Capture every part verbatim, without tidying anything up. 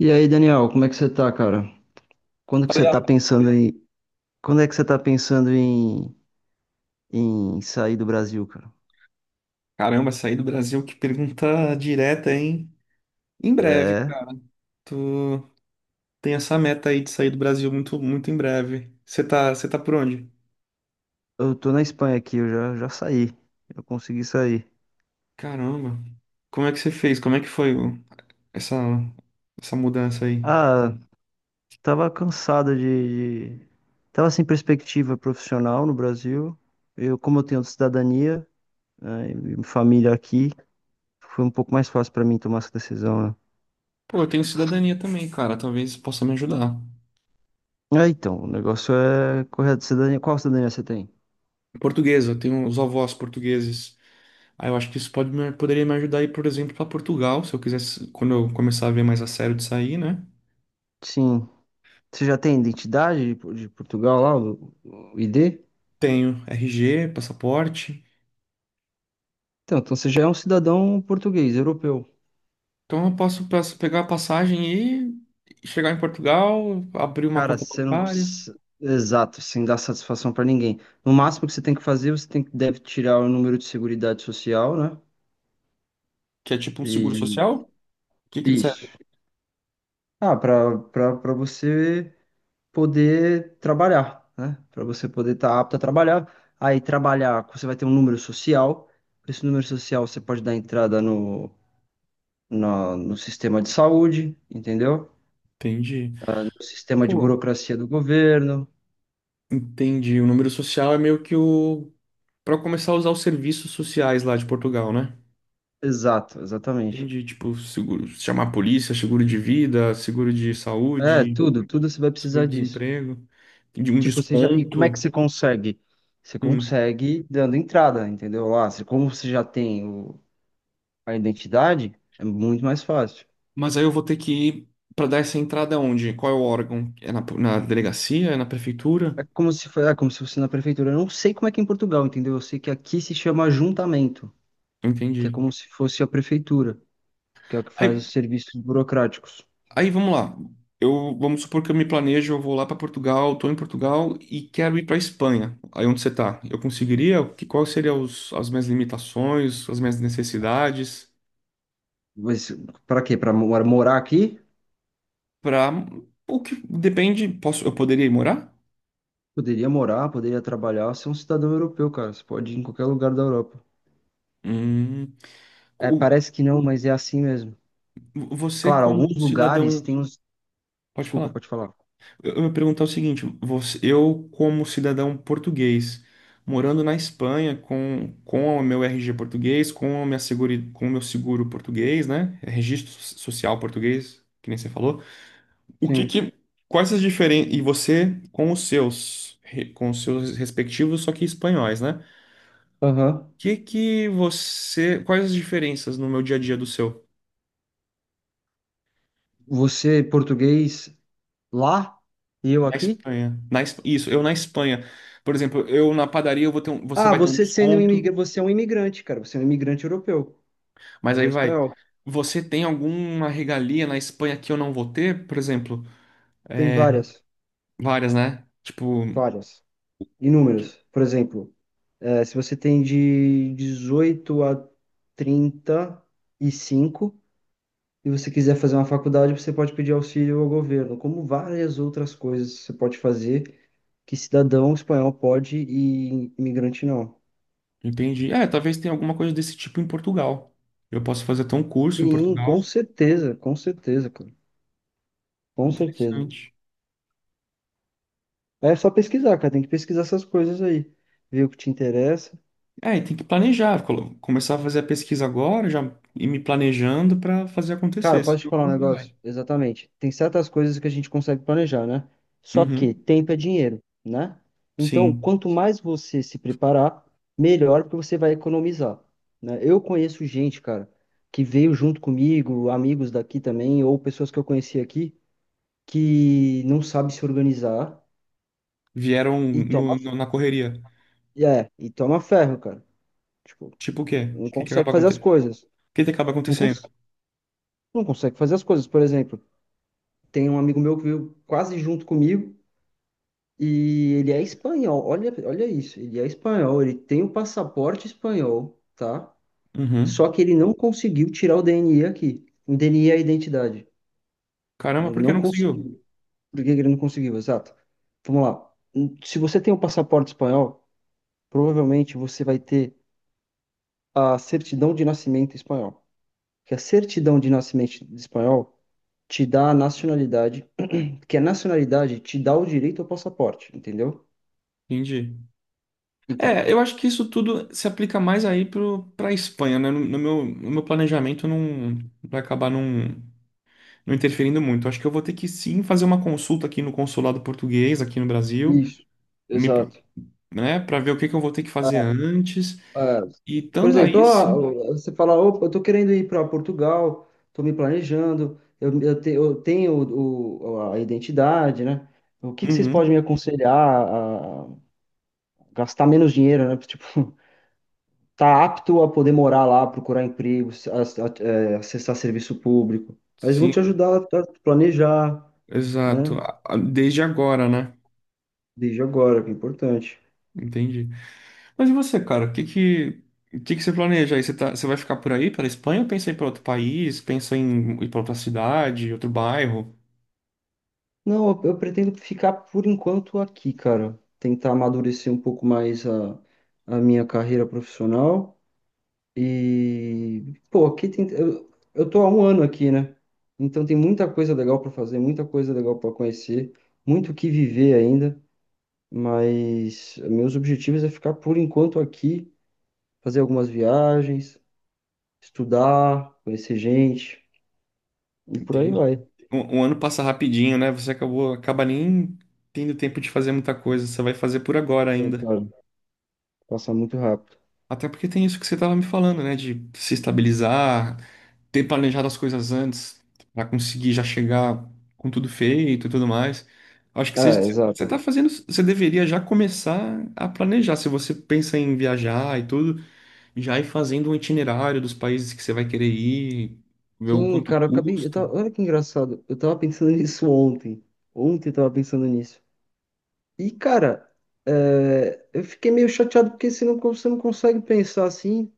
E aí, Daniel, como é que você tá, cara? Quando que você Falei, tá ah, pensando em... Quando é que você tá pensando em, em sair do Brasil, cara? Caramba, sair do Brasil, que pergunta direta, hein? Em breve, É, cara. Tu tem essa meta aí de sair do Brasil muito, muito em breve. Você tá, você tá por onde? eu tô na Espanha aqui, eu já, já saí. Eu consegui sair. Caramba. Como é que você fez? Como é que foi o- essa, essa mudança aí? Ah, tava cansado de... de- Tava sem perspectiva profissional no Brasil. Eu, como eu tenho cidadania, né, e família aqui, foi um pouco mais fácil pra mim tomar essa decisão, né? Pô, eu tenho cidadania também, cara. Talvez possa me ajudar. Ah, então, o negócio é correr de cidadania. Qual cidadania você tem? Portuguesa, eu tenho os avós portugueses. Aí eu acho que isso pode me- poderia me ajudar aí, por exemplo, pra Portugal, se eu quisesse, quando eu começar a ver mais a sério de sair, né? Sim. Você já tem identidade de de Portugal lá, o o I D? Tenho R G, passaporte. Então, então você já é um cidadão português, europeu. Então eu posso pas- pegar a passagem e chegar em Portugal, abrir uma Cara, conta você não bancária, precisa... Exato, sem dar satisfação pra ninguém. No máximo que você tem que fazer, você tem que deve tirar o número de seguridade social, né? que é tipo um seguro E social. O que que ele isso. serve? Ah, pra para para você poder trabalhar, né? Pra você poder estar apto a trabalhar. Aí trabalhar, você vai ter um número social. Com Esse número social você pode dar entrada no, na- no sistema de saúde, entendeu? Entendi. O sistema de Pô, burocracia do governo. entendi. O número social é meio que o. Pra começar a usar os serviços sociais lá de Portugal, né? Exato, exatamente. Entendi, tipo, seguro, chamar a polícia, seguro de vida, seguro de É, saúde, tudo, tudo você vai precisar disso. seguro-desemprego, de um Tipo, você já, e como é que desconto. você consegue? Você Hum. consegue dando entrada, entendeu? Ah, você, como você já tem o, a identidade, é muito mais fácil. Mas aí eu vou ter que ir para dar essa entrada onde? Qual é o órgão? É na, na delegacia? É na prefeitura? É como se foi, é como se fosse na prefeitura. Eu não sei como é que é em Portugal, entendeu? Eu sei que aqui se chama ajuntamento, que é Entendi. como se fosse a prefeitura, que é o que faz Aí, os serviços burocráticos. aí vamos lá. Eu vamos supor que eu me planejo, eu vou lá para Portugal, estou em Portugal e quero ir para Espanha. Aí onde você está? Eu conseguiria? Que Quais seriam os- as minhas limitações, as minhas necessidades Mas para quê? Para morar aqui? para o que depende, posso eu poderia ir morar? Poderia morar, poderia trabalhar, ser um cidadão europeu, cara. Você pode ir em qualquer lugar da Europa. Hum, É, o- parece que não, mas é assim mesmo. Você, Claro, alguns como Sim. lugares cidadão, têm uns. pode Desculpa, falar. pode falar. Eu eu ia perguntar o seguinte, você- eu como cidadão português, morando na Espanha com, com o meu R G português, com a minha seguri, com o meu seguro português, né? É Registro so- social português, que nem você falou. O que Sim. que, Quais as diferenças, e você com os seus, re- com os seus respectivos, só que espanhóis, né? Aham. Que que você, quais as diferenças no meu dia a dia do seu? Você, português lá e eu Na aqui? Espanha. Na, Es- isso, eu na Espanha. Por exemplo, eu na padaria eu vou ter um- você Ah, vai ter um você sendo um desconto, imigrante, você é um imigrante, cara. Você é um imigrante europeu. Você mas não aí é vai. espanhol. Você tem alguma regalia na Espanha que eu não vou ter? Por exemplo, Tem é, várias, várias, né? Tipo, várias, inúmeras. Por exemplo, é, se você tem de dezoito a trinta e cinco e você quiser fazer uma faculdade, você pode pedir auxílio ao governo, como várias outras coisas você pode fazer que cidadão espanhol pode e imigrante não. entendi. É, talvez tenha alguma coisa desse tipo em Portugal. Eu posso fazer até um curso em Sim, com Portugal. certeza, com certeza, cara. Com certeza. Interessante. É só pesquisar, cara. Tem que pesquisar essas coisas aí. Ver o que te interessa. É, e tem que planejar, colo- começar a fazer a pesquisa agora, já ir me planejando para fazer Cara, acontecer. posso te Senão falar um nunca vai. negócio? Exatamente. Tem certas coisas que a gente consegue planejar, né? Só que Uhum, tempo é dinheiro, né? Então, sim. quanto mais você se preparar, melhor, porque você vai economizar, né? Eu conheço gente, cara, que veio junto comigo, amigos daqui também, ou pessoas que eu conheci aqui, que não sabe se organizar Vieram e toma, no- no- na correria. é, e toma ferro, cara. Tipo, Tipo o quê? O não que que consegue acaba fazer as acontecendo? O coisas. que que acaba Não, cons acontecendo? não consegue fazer as coisas. Por exemplo, tem um amigo meu que veio quase junto comigo. E ele é espanhol, olha, olha isso, ele é espanhol, ele tem o passaporte espanhol, tá? Uhum. Só que ele não conseguiu tirar o D N I aqui. O D N I é a identidade, né? Caramba, Ele por que não não conseguiu? conseguiu. Por que que ele não conseguiu? Exato. Vamos lá. Hum, Se você tem o passaporte espanhol, provavelmente você vai ter a certidão de nascimento espanhol. Que a certidão de nascimento espanhol te dá a nacionalidade, que a nacionalidade te dá o direito ao passaporte, entendeu? Entendi. Então, É, eu acho que isso tudo se aplica mais aí pro, pra Espanha, né? No, no meu, no meu planejamento não vai acabar não, não interferindo muito. Acho que eu vou ter que sim fazer uma consulta aqui no consulado português, aqui no Brasil, isso, me, pro- exato. né, para ver o que que eu vou ter que fazer antes. É, E por estando exemplo, aí, ó, sim. você fala, opa, eu tô querendo ir para Portugal, tô me planejando, eu, eu, te- eu tenho o, o- a identidade, né? O que que vocês podem me Uhum, aconselhar a gastar menos dinheiro, né? Tipo, tá apto a poder morar lá, procurar emprego, se- a- a- é, acessar serviço público. Mas vão te sim, ajudar a planejar, né? exato. A- a- Desde agora, né? Desde agora, que é importante. Entendi. Mas e você, cara? O que que, o que que você planeja aí? Você tá, você vai ficar por aí, pela Espanha, ou pensa em ir para outro país? Pensa em ir para outra cidade, outro bairro? Não, eu, eu pretendo ficar por enquanto aqui, cara. Tentar amadurecer um pouco mais a, a minha carreira profissional. E, pô, aqui tem. Eu, eu tô há um ano aqui, né? Então tem muita coisa legal pra fazer, muita coisa legal pra conhecer, muito o que viver ainda. Mas meus objetivos é ficar por enquanto aqui, fazer algumas viagens, estudar, conhecer gente, e por aí Entendi. vai. Um, um ano passa rapidinho, né? Você acabou, acaba nem tendo tempo de fazer muita coisa, você vai fazer por agora Sim, ainda. cara, passa muito rápido. Até porque tem isso que você estava me falando, né? De se estabilizar, ter planejado as coisas antes para conseguir já chegar com tudo feito e tudo mais. Acho que você, Ah, exato. você tá fazendo, você deveria já começar a planejar. Se você pensa em viajar e tudo, já ir fazendo um itinerário dos países que você vai querer ir, ver o Sim, quanto cara, eu acabei. Eu custa. tava, olha que engraçado. Eu tava pensando nisso ontem. Ontem eu tava pensando nisso. E, cara, é, eu fiquei meio chateado porque você não, você não consegue pensar assim.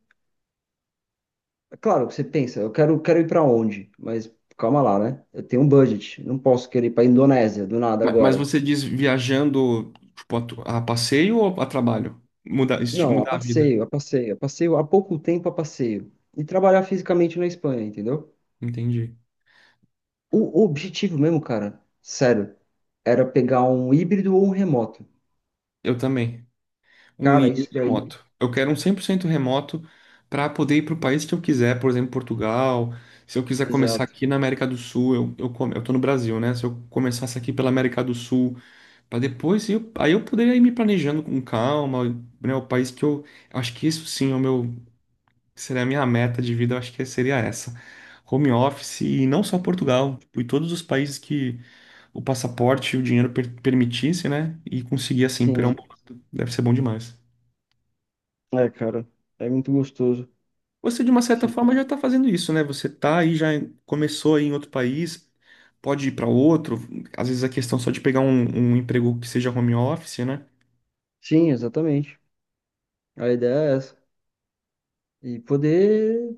Claro, você pensa, eu quero, quero ir pra onde? Mas calma lá, né? Eu tenho um budget. Não posso querer ir pra Indonésia do nada Ma- Mas agora. você diz viajando, tipo, a tu- a passeio ou a trabalho? Mudar, esti- Não, a mudar a vida. passeio, a passeio, a passeio, há pouco tempo a passeio. E trabalhar fisicamente na Espanha, entendeu? Entendi. O, o objetivo mesmo, cara, sério, era pegar um híbrido ou um remoto. Eu também. Um, Cara, i- um isso daí remoto. Eu quero um cem por cento remoto para poder ir para o país que eu quiser, por exemplo, Portugal. Se eu quiser começar exato. aqui na América do Sul, eu, eu, come- eu tô no Brasil, né? Se eu começasse aqui pela América do Sul, para depois, eu, aí eu poderia ir me planejando com calma, né? O país que eu. Acho que isso sim é o meu. Seria a minha meta de vida, eu acho que seria essa. Home office, e não só Portugal, tipo, e todos os países que o passaporte e o dinheiro per permitisse, né? E conseguir assim pegar um Sim. pouco. Deve ser bom demais. É, cara. É muito gostoso. Você, de uma certa Sim, forma, já está fazendo isso, né? Você tá aí, já começou aí em outro país, pode ir para outro. Às vezes a questão só de pegar um, um emprego que seja home office, né? Sim, exatamente. A ideia é essa. E poder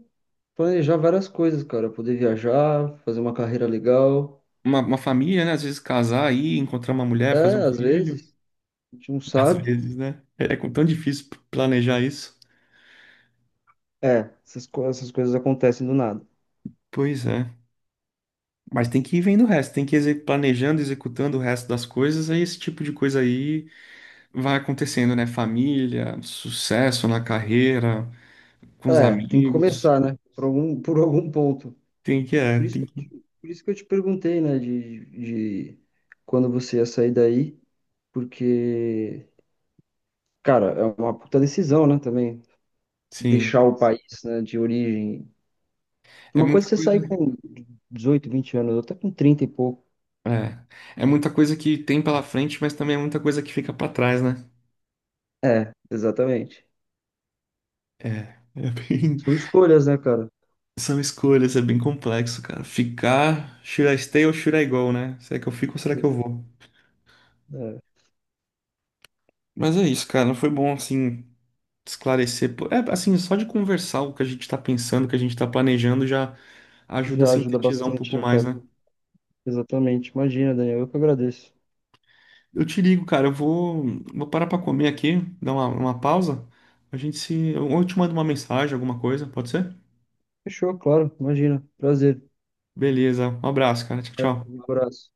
planejar várias coisas, cara. Poder viajar, fazer uma carreira legal. Uma, uma família, né? Às vezes casar aí, encontrar uma mulher, É, fazer um às filho. vezes, a gente não Às sabe. vezes, né? É é tão difícil planejar isso. É, essas, co- essas coisas acontecem do nada. Pois é. Mas tem que ir vendo o resto, tem que ir exe- planejando, executando o resto das coisas, aí esse tipo de coisa aí vai acontecendo, né? Família, sucesso na carreira, com os É, tem que amigos. começar, né? Por algum, por algum ponto. Tem que, é, Por isso tem que eu que, te, por isso que eu te perguntei, né? De, de quando você ia sair daí. Porque, cara, é uma puta decisão, né? Também. sim. Deixar o país, né, de origem. É Uma coisa muita é você sair coisa, com dezoito vinte anos, outra com trinta e pouco. é. É muita coisa que tem pela frente, mas também é muita coisa que fica pra trás, né? É, exatamente. É, é bem, São escolhas, né, cara? são escolhas, é bem complexo, cara. Ficar, should I stay ou should I go, né? Será que eu fico ou será que eu Isso, vou? é, Mas é isso, cara. Foi bom, assim, esclarecer. pô, É, assim, só de conversar o que a gente tá pensando, o que a gente tá planejando, já ajuda a já ajuda sintetizar um bastante, pouco né, mais, cara? né? Exatamente. Imagina, Daniel, eu que agradeço. Eu te ligo, cara. Eu vou, vou parar pra comer aqui, dar uma, uma pausa. A gente se. Ou eu te mando uma mensagem, alguma coisa, pode ser? Fechou, claro, imagina. Prazer. Beleza. Um abraço, cara. Tchau, Valeu, um tchau. abraço.